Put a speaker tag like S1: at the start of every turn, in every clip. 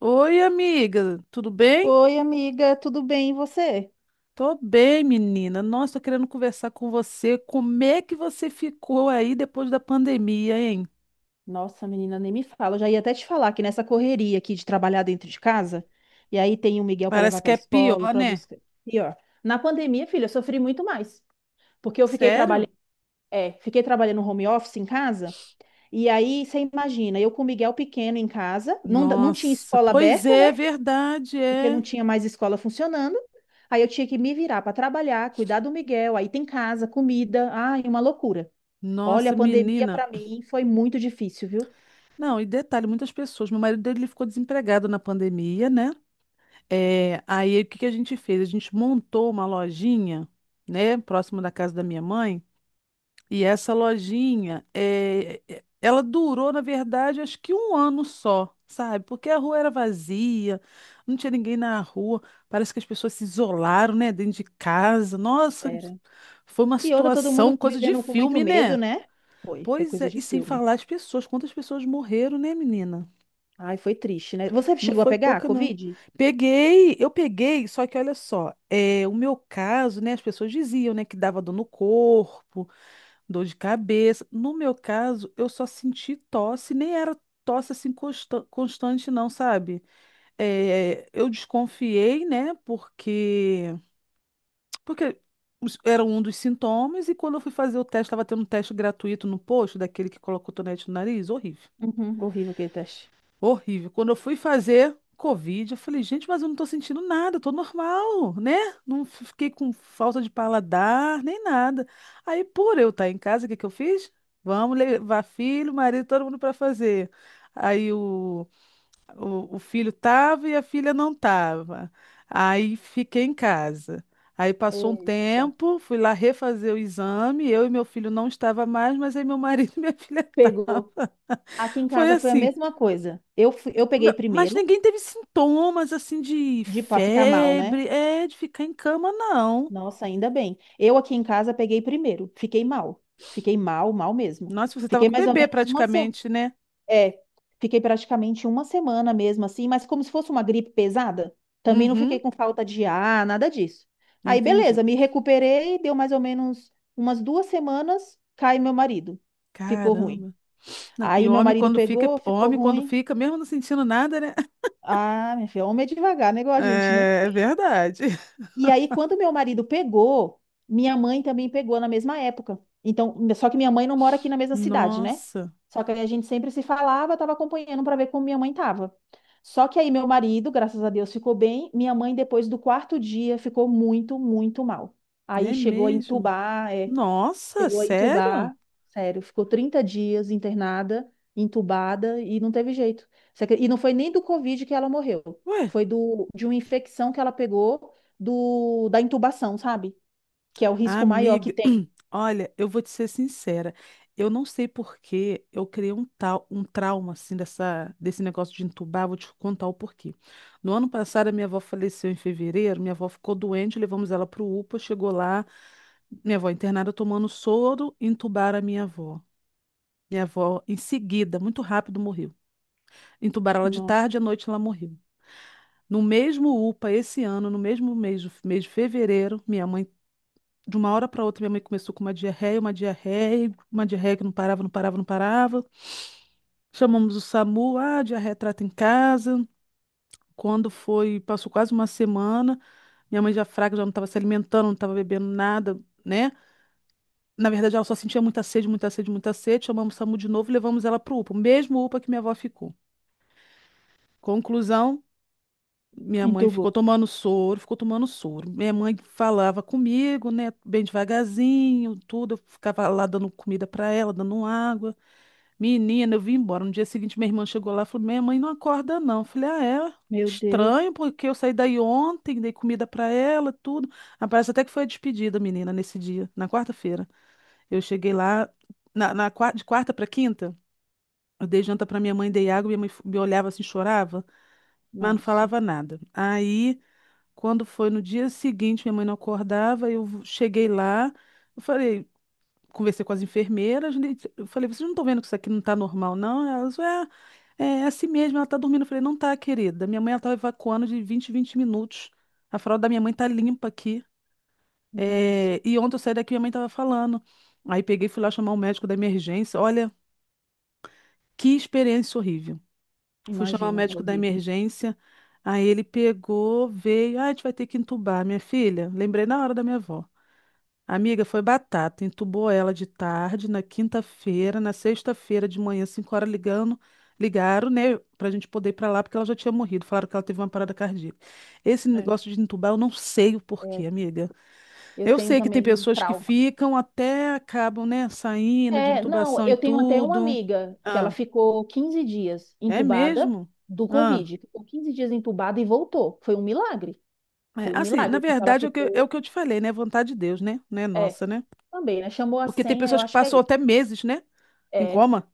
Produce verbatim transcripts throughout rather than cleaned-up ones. S1: Oi, amiga, tudo bem?
S2: Oi, amiga, tudo bem? E você?
S1: Tô bem, menina. Nossa, tô querendo conversar com você. Como é que você ficou aí depois da pandemia, hein?
S2: Nossa, menina, nem me fala. Eu já ia até te falar que nessa correria aqui de trabalhar dentro de casa, e aí tem o Miguel para levar
S1: Parece que
S2: para
S1: é
S2: escola,
S1: pior,
S2: para
S1: né?
S2: buscar. E ó, na pandemia, filha, eu sofri muito mais, porque eu fiquei
S1: Sério?
S2: trabalhando, é, fiquei trabalhando home office em casa, e aí você imagina, eu com o Miguel pequeno em casa, não, da- não tinha
S1: Nossa,
S2: escola
S1: pois
S2: aberta, né?
S1: é, verdade,
S2: Porque não
S1: é.
S2: tinha mais escola funcionando. Aí eu tinha que me virar para trabalhar, cuidar do Miguel, aí tem casa, comida, ai, uma loucura. Olha,
S1: Nossa,
S2: a pandemia
S1: menina.
S2: para mim foi muito difícil, viu?
S1: Não, e detalhe, muitas pessoas. Meu marido dele ele ficou desempregado na pandemia, né? É, aí o que que a gente fez? A gente montou uma lojinha, né, próximo da casa da minha mãe. E essa lojinha, é, é- ela durou, na verdade, acho que um ano só, sabe? Porque a rua era vazia, não tinha ninguém na rua, parece que as pessoas se isolaram, né, dentro de casa. Nossa,
S2: Era.
S1: foi uma
S2: E outra, todo
S1: situação,
S2: mundo
S1: coisa de
S2: vivendo com muito
S1: filme,
S2: medo,
S1: né?
S2: né? Foi, foi
S1: Pois
S2: coisa
S1: é,
S2: de
S1: e sem
S2: filme.
S1: falar as pessoas, quantas pessoas morreram, né, menina?
S2: Ai, foi triste, né? Você
S1: Não
S2: chegou a
S1: foi
S2: pegar a
S1: pouca, não.
S2: Covid?
S1: Peguei, eu peguei, só que olha só, é, o meu caso, né, as pessoas diziam, né, que dava dor no corpo, dor de cabeça. No meu caso, eu só senti tosse, nem era tosse assim consta- constante, não, sabe? É, eu desconfiei, né? Porque porque os- era um dos sintomas, e quando eu fui fazer o teste, estava tendo um teste gratuito no posto, daquele que coloca o cotonete no nariz, horrível.
S2: Uhum, horrível aquele teste.
S1: Horrível. Quando eu fui fazer Covid, eu falei, gente, mas eu não tô sentindo nada, eu tô normal, né? Não f- Fiquei com falta de paladar, nem nada. Aí, por eu estar em casa, o que que eu fiz? Vamos levar filho, marido, todo mundo para fazer. Aí o, o, o filho tava e a filha não tava. Aí fiquei em casa. Aí passou um
S2: Eita.
S1: tempo, fui lá refazer o exame, eu e meu filho não estava mais, mas aí meu marido e minha filha
S2: Pegou.
S1: estavam.
S2: Aqui em
S1: Foi
S2: casa foi a
S1: assim.
S2: mesma coisa. Eu, fui- eu peguei
S1: Ba- Mas
S2: primeiro,
S1: ninguém teve sintomas assim de
S2: de para ficar mal, né?
S1: febre, é, de ficar em cama, não.
S2: Nossa, ainda bem. Eu aqui em casa peguei primeiro, fiquei mal. Fiquei mal, mal mesmo.
S1: Nossa, você tava
S2: Fiquei
S1: com o
S2: mais ou
S1: bebê
S2: menos uma semana.
S1: praticamente, né?
S2: É, fiquei praticamente uma semana mesmo assim, mas como se fosse uma gripe pesada, também não fiquei
S1: Uhum,
S2: com falta de ar, nada disso. Aí,
S1: entendi.
S2: beleza, me recuperei, deu mais ou menos umas duas semanas, cai meu marido, ficou ruim.
S1: Caramba. Não, e
S2: Aí meu
S1: homem
S2: marido
S1: quando fica,
S2: pegou, ficou
S1: homem quando
S2: ruim.
S1: fica, mesmo não sentindo nada, né?
S2: Ah, minha filha, homem é devagar, né, igual a gente, né?
S1: É, é verdade.
S2: E aí, quando meu marido pegou, minha mãe também pegou na mesma época. Então, só que minha mãe não mora aqui na mesma cidade, né?
S1: Nossa,
S2: Só que aí a gente sempre se falava, estava acompanhando para ver como minha mãe estava. Só que aí meu marido, graças a Deus, ficou bem. Minha mãe, depois do quarto dia, ficou muito, muito mal. Aí
S1: é
S2: chegou a
S1: mesmo.
S2: entubar, é,
S1: Nossa,
S2: chegou a
S1: sério?
S2: entubar, sério, ficou trinta dias internada, entubada e não teve jeito. Você acre- E não foi nem do Covid que ela morreu,
S1: Ué,
S2: foi do, de uma infecção que ela pegou do, da intubação, sabe? Que é o risco maior que
S1: amiga,
S2: tem.
S1: olha, eu vou te ser sincera. Eu não sei por que eu criei um tal, um trauma assim dessa, desse negócio de entubar, vou te contar o porquê. No ano passado a minha avó faleceu em fevereiro, minha avó ficou doente, levamos ela para o UPA, chegou lá, minha avó internada tomando soro, entubaram a minha avó. Minha avó em seguida, muito rápido, morreu. Entubaram ela de
S2: Nossa,
S1: tarde, à noite ela morreu. No mesmo UPA, esse ano, no mesmo mês, de- mês de fevereiro, minha mãe de uma hora para outra, minha mãe começou com uma diarreia, uma diarreia, uma diarreia que não parava, não parava, não parava. Chamamos o SAMU, ah, diarreia trata em casa. Quando foi, passou quase uma semana, minha mãe já fraca, já não estava se alimentando, não estava bebendo nada, né? Na verdade, ela só sentia muita sede, muita sede, muita sede. Chamamos o SAMU de novo e levamos ela para o UPA, o mesmo UPA que minha avó ficou. Conclusão, minha mãe ficou
S2: entubou.
S1: tomando soro, ficou tomando soro. Minha mãe falava comigo, né, bem devagarzinho, tudo. Eu ficava lá dando comida para ela, dando água. Menina, eu vim embora. No dia seguinte, minha irmã chegou lá e falou: Minha mãe não acorda, não. Eu falei: Ah, é?
S2: Meu Deus,
S1: Estranho, porque eu saí daí ontem, dei comida pra ela, tudo. Ah, parece até que foi a despedida, menina, nesse dia, na quarta-feira. Eu cheguei lá, na, na qua- de quarta pra quinta, eu dei janta pra minha mãe, dei água, minha mãe f- me olhava assim, chorava, mas não
S2: nossa,
S1: falava nada. Aí, quando foi no dia seguinte, minha mãe não acordava, eu cheguei lá, eu falei conversei com as enfermeiras, né, eu falei, vocês não estão vendo que isso aqui não está normal, não? Elas, é, é é assim mesmo, ela está dormindo. Eu falei, não tá, querida. Minha mãe ela estava evacuando de vinte em vinte minutos. A fralda da minha mãe tá limpa aqui.
S2: nossa,
S1: É, e ontem eu saí daqui, minha mãe estava falando. Aí peguei e fui lá chamar o médico da emergência. Olha, que experiência horrível. Fui chamar o
S2: imagino, é
S1: médico da
S2: horrível.
S1: emergência. Aí ele pegou, veio, ah, a gente vai ter que entubar, minha filha. Lembrei na hora da minha avó. Amiga, foi batata. Entubou ela de tarde, na quinta-feira, na sexta-feira de manhã, cinco horas ligando, ligaram, né, pra gente poder ir pra lá, porque ela já tinha morrido. Falaram que ela teve uma parada cardíaca. Esse
S2: É,
S1: negócio de entubar, eu não sei o porquê,
S2: é.
S1: amiga.
S2: Eu
S1: Eu
S2: tenho
S1: sei que tem
S2: também
S1: pessoas que
S2: trauma.
S1: ficam até acabam, né, saindo de
S2: É, não,
S1: intubação e
S2: eu tenho até uma
S1: tudo.
S2: amiga que ela
S1: Ah,
S2: ficou quinze dias
S1: é
S2: entubada
S1: mesmo?
S2: do
S1: Ah.
S2: Covid. Ficou quinze dias entubada e voltou. Foi um milagre. Foi
S1: É,
S2: um
S1: assim, na
S2: milagre, porque ela
S1: verdade, é o que, eu- é o
S2: ficou.
S1: que eu te falei, né? Vontade de Deus, né? Não é
S2: É,
S1: nossa, né?
S2: também, né? Chamou a
S1: Porque tem
S2: senha, eu
S1: pessoas que
S2: acho que é
S1: passam
S2: isso.
S1: até meses, né? Em
S2: É.
S1: coma.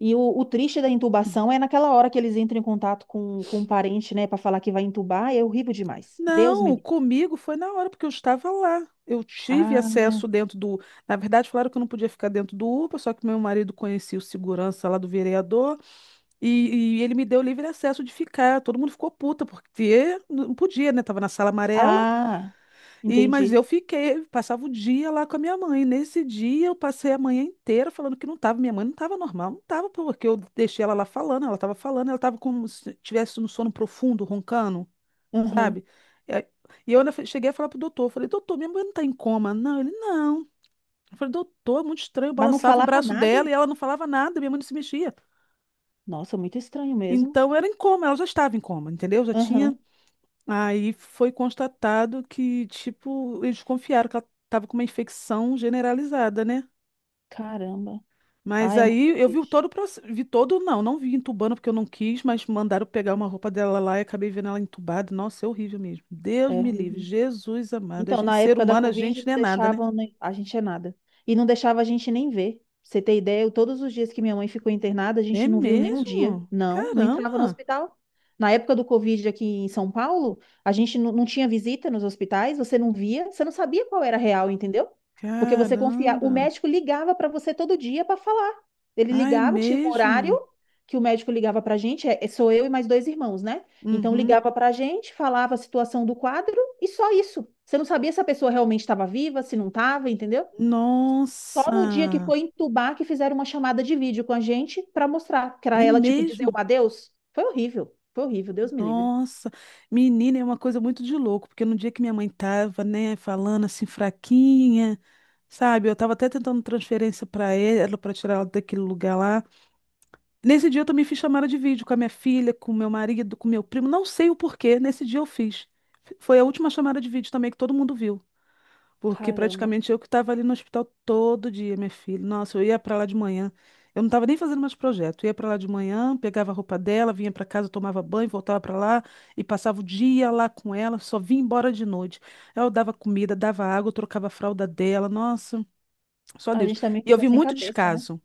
S2: E o, o triste da intubação é naquela hora que eles entram em contato com, com um parente, né, para falar que vai intubar, é horrível demais. Deus me
S1: Não,
S2: livre.
S1: comigo foi na hora, porque eu estava lá. Eu tive
S2: Ah, né?
S1: acesso dentro do. Na verdade, falaram que eu não podia ficar dentro do UPA, só que meu marido conhecia o segurança lá do vereador e, e ele me deu livre acesso de ficar. Todo mundo ficou puta, porque não podia, né? Tava na sala amarela,
S2: Ah,
S1: e mas eu
S2: entendi.
S1: fiquei, passava o dia lá com a minha mãe. Nesse dia, eu passei a manhã inteira falando que não tava. Minha mãe não tava normal, não tava, porque eu deixei ela lá falando, ela tava falando, ela tava como se tivesse no sono profundo, roncando
S2: Aham.
S1: sabe? E aí- e eu ainda fe- cheguei a falar pro doutor, falei, doutor, minha mulher não tá em coma. Não, ele, não. Eu falei, doutor, é muito estranho, eu
S2: Mas não
S1: balançava o
S2: falava
S1: braço
S2: nada?
S1: dela e ela não falava nada, minha mãe não se mexia.
S2: Nossa, muito estranho mesmo.
S1: Então era em coma, ela já estava em coma, entendeu? Já tinha.
S2: Aham.
S1: Aí foi constatado que, tipo, eles desconfiaram que ela estava com uma infecção generalizada, né?
S2: Caramba. Ah,
S1: Mas
S2: é muito
S1: aí eu vi
S2: triste.
S1: todo o processo, vi todo, não, não vi entubando porque eu não quis, mas mandaram pegar uma roupa dela lá e acabei vendo ela entubada. Nossa, é horrível mesmo. Deus
S2: É
S1: me livre,
S2: horrível.
S1: Jesus amado. A
S2: Então,
S1: gente,
S2: na
S1: ser
S2: época da
S1: humano, a
S2: Covid,
S1: gente
S2: não
S1: não é nada, né?
S2: deixavam nem- a gente é nada. E não deixava a gente nem ver. Pra Você ter ideia, eu- todos os dias que minha mãe ficou internada, a
S1: É
S2: gente não viu nenhum dia.
S1: mesmo?
S2: Não, não entrava no
S1: Caramba!
S2: hospital. Na época do Covid aqui em São Paulo, a gente não, não tinha visita nos hospitais, você não via, você não sabia qual era a real, entendeu? Porque você confiava. O
S1: Caramba!
S2: médico ligava para você todo dia para falar. Ele
S1: Ah, é
S2: ligava, tinha um horário
S1: mesmo?
S2: que o médico ligava para a gente, é- é- sou eu e mais dois irmãos, né? Então
S1: Uhum.
S2: ligava para a gente, falava a situação do quadro. E só isso. Você não sabia se a pessoa realmente estava viva, se não estava, entendeu? Só no dia que
S1: Nossa!
S2: foi entubar que fizeram uma chamada de vídeo com a gente para mostrar, para
S1: É
S2: ela, tipo, dizer o
S1: mesmo?
S2: adeus. Foi horrível. Foi horrível, Deus me livre.
S1: Nossa, menina, é uma coisa muito de louco, porque no dia que minha mãe tava, né, falando assim, fraquinha, sabe, eu tava até tentando transferência pra ela, pra tirar ela daquele lugar lá. Nesse dia eu também fiz chamada de vídeo com a minha filha, com meu marido, com meu primo, não sei o porquê, nesse dia eu fiz. F- Foi a última chamada de vídeo também que todo mundo viu. Porque
S2: Caramba.
S1: praticamente eu que estava ali no hospital todo dia, minha filha. Nossa, eu ia para lá de manhã. Eu não estava nem fazendo mais projeto. Eu ia para lá de manhã, pegava a roupa dela, vinha para casa, tomava banho, voltava para lá e passava o dia lá com ela, só vinha embora de noite. Eu dava comida, dava água, eu trocava a fralda dela. Nossa, só
S2: A
S1: Deus.
S2: gente também
S1: E eu
S2: fica
S1: vi
S2: sem
S1: muito
S2: cabeça, né?
S1: descaso.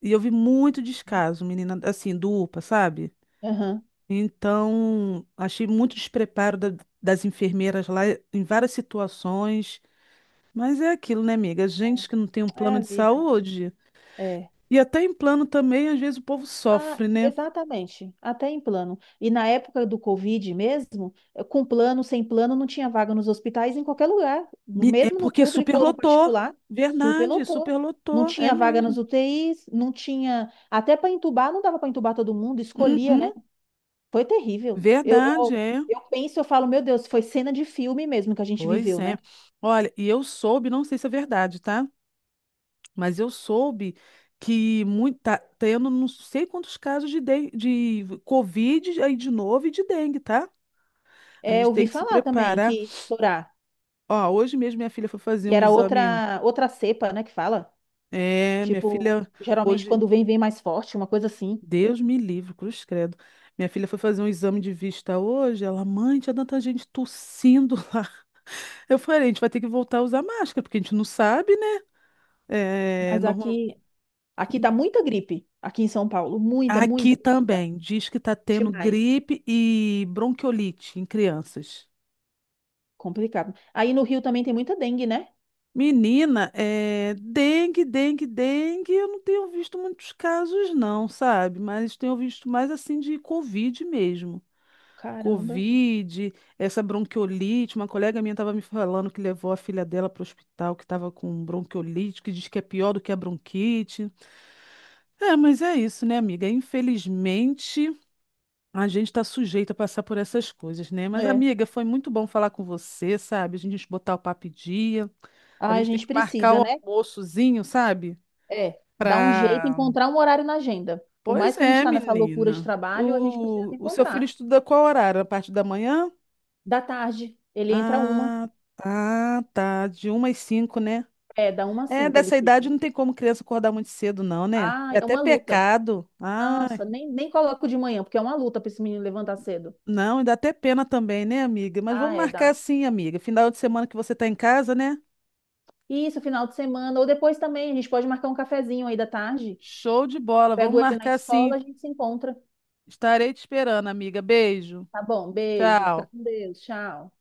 S1: E eu vi muito descaso, menina, assim, do UPA, sabe?
S2: Aham.
S1: Então, achei muito despreparo da- das enfermeiras lá em várias situações. Mas é aquilo, né, amiga? Gente que não tem um
S2: É
S1: plano
S2: a
S1: de
S2: vida, né?
S1: saúde.
S2: É.
S1: E até em plano também, às vezes o povo
S2: Ah,
S1: sofre, né?
S2: exatamente, até em plano. E na época do Covid mesmo, eh, com plano, sem plano, não tinha vaga nos hospitais em qualquer lugar,
S1: Me- É
S2: mesmo no
S1: porque
S2: público ou no
S1: superlotou.
S2: particular,
S1: Verdade,
S2: superlotou. Não
S1: superlotou. É
S2: tinha vaga nas
S1: mesmo.
S2: UTIs, não tinha. Até para entubar, não dava para entubar todo mundo, escolhia,
S1: Uhum,
S2: né? Foi terrível. Eu,
S1: verdade,
S2: eu,
S1: é.
S2: eu penso, eu falo, meu Deus, foi cena de filme mesmo que a gente
S1: Pois
S2: viveu,
S1: é.
S2: né?
S1: Olha, e eu soube, não sei se é verdade, tá? Mas eu soube que muito, tá tendo não sei quantos casos de, den- de Covid aí de novo e de dengue, tá? A
S2: É, eu
S1: gente tem
S2: ouvi
S1: que se
S2: falar também
S1: preparar.
S2: que estourar,
S1: Ó, hoje mesmo minha filha foi fazer
S2: que
S1: um
S2: era
S1: exame.
S2: outra, outra cepa, né, que fala.
S1: É, minha
S2: Tipo,
S1: filha,
S2: geralmente
S1: hoje,
S2: quando vem, vem mais forte, uma coisa assim.
S1: Deus me livre, cruz credo. Minha filha foi fazer um exame de vista hoje. Ela, mãe, tinha tanta gente tossindo lá. Eu falei, a gente vai ter que voltar a usar máscara, porque a gente não sabe, né? É,
S2: Mas
S1: normal...
S2: aqui, aqui tá muita gripe, aqui em São Paulo. Muita,
S1: Aqui
S2: muita, muita.
S1: também, diz que tá tendo
S2: Demais.
S1: gripe e bronquiolite em crianças.
S2: Complicado. Aí no Rio também tem muita dengue, né?
S1: Menina, é dengue, dengue, dengue. Eu não tenho visto muitos casos, não, sabe? Mas tenho visto mais assim de Covid mesmo.
S2: Caramba.
S1: Covid, essa bronquiolite. Uma colega minha estava me falando que levou a filha dela para o hospital, que estava com bronquiolite, que diz que é pior do que a bronquite. É, mas é isso, né, amiga? Infelizmente, a gente está sujeito a passar por essas coisas, né? Mas,
S2: É.
S1: amiga, foi muito bom falar com você, sabe? A gente botar o papo em dia.
S2: Ah,
S1: A
S2: a
S1: gente tem
S2: gente
S1: que marcar
S2: precisa,
S1: o
S2: né?
S1: almoçozinho, sabe?
S2: É. Dar um jeito,
S1: Pra...
S2: encontrar um horário na agenda. Por mais
S1: Pois
S2: que a gente
S1: é,
S2: tá nessa loucura de
S1: menina.
S2: trabalho, a gente precisa
S1: O,
S2: de
S1: o seu filho
S2: encontrar.
S1: estuda qual horário? A parte da manhã?
S2: Da tarde, ele entra uma.
S1: Ah, tá, tá. De uma às cinco, né?
S2: É, da uma às
S1: É,
S2: cinco ele
S1: dessa idade
S2: fica.
S1: não tem como criança acordar muito cedo, não, né?
S2: Ah,
S1: É
S2: é
S1: até
S2: uma luta.
S1: pecado. Ai,
S2: Nossa, nem, nem coloco de manhã, porque é uma luta pra esse menino levantar cedo.
S1: não, e dá até pena também, né, amiga? Mas
S2: Ah,
S1: vamos
S2: é,
S1: marcar
S2: dá.
S1: assim, amiga. Final de semana que você tá em casa, né?
S2: Isso, final de semana. Ou depois também, a gente pode marcar um cafezinho aí da tarde.
S1: Show de
S2: Eu
S1: bola, vamos
S2: pego ele na
S1: marcar assim.
S2: escola, a gente se encontra.
S1: Estarei te esperando, amiga. Beijo.
S2: Tá bom, beijo, fica
S1: Tchau.
S2: com Deus, tchau.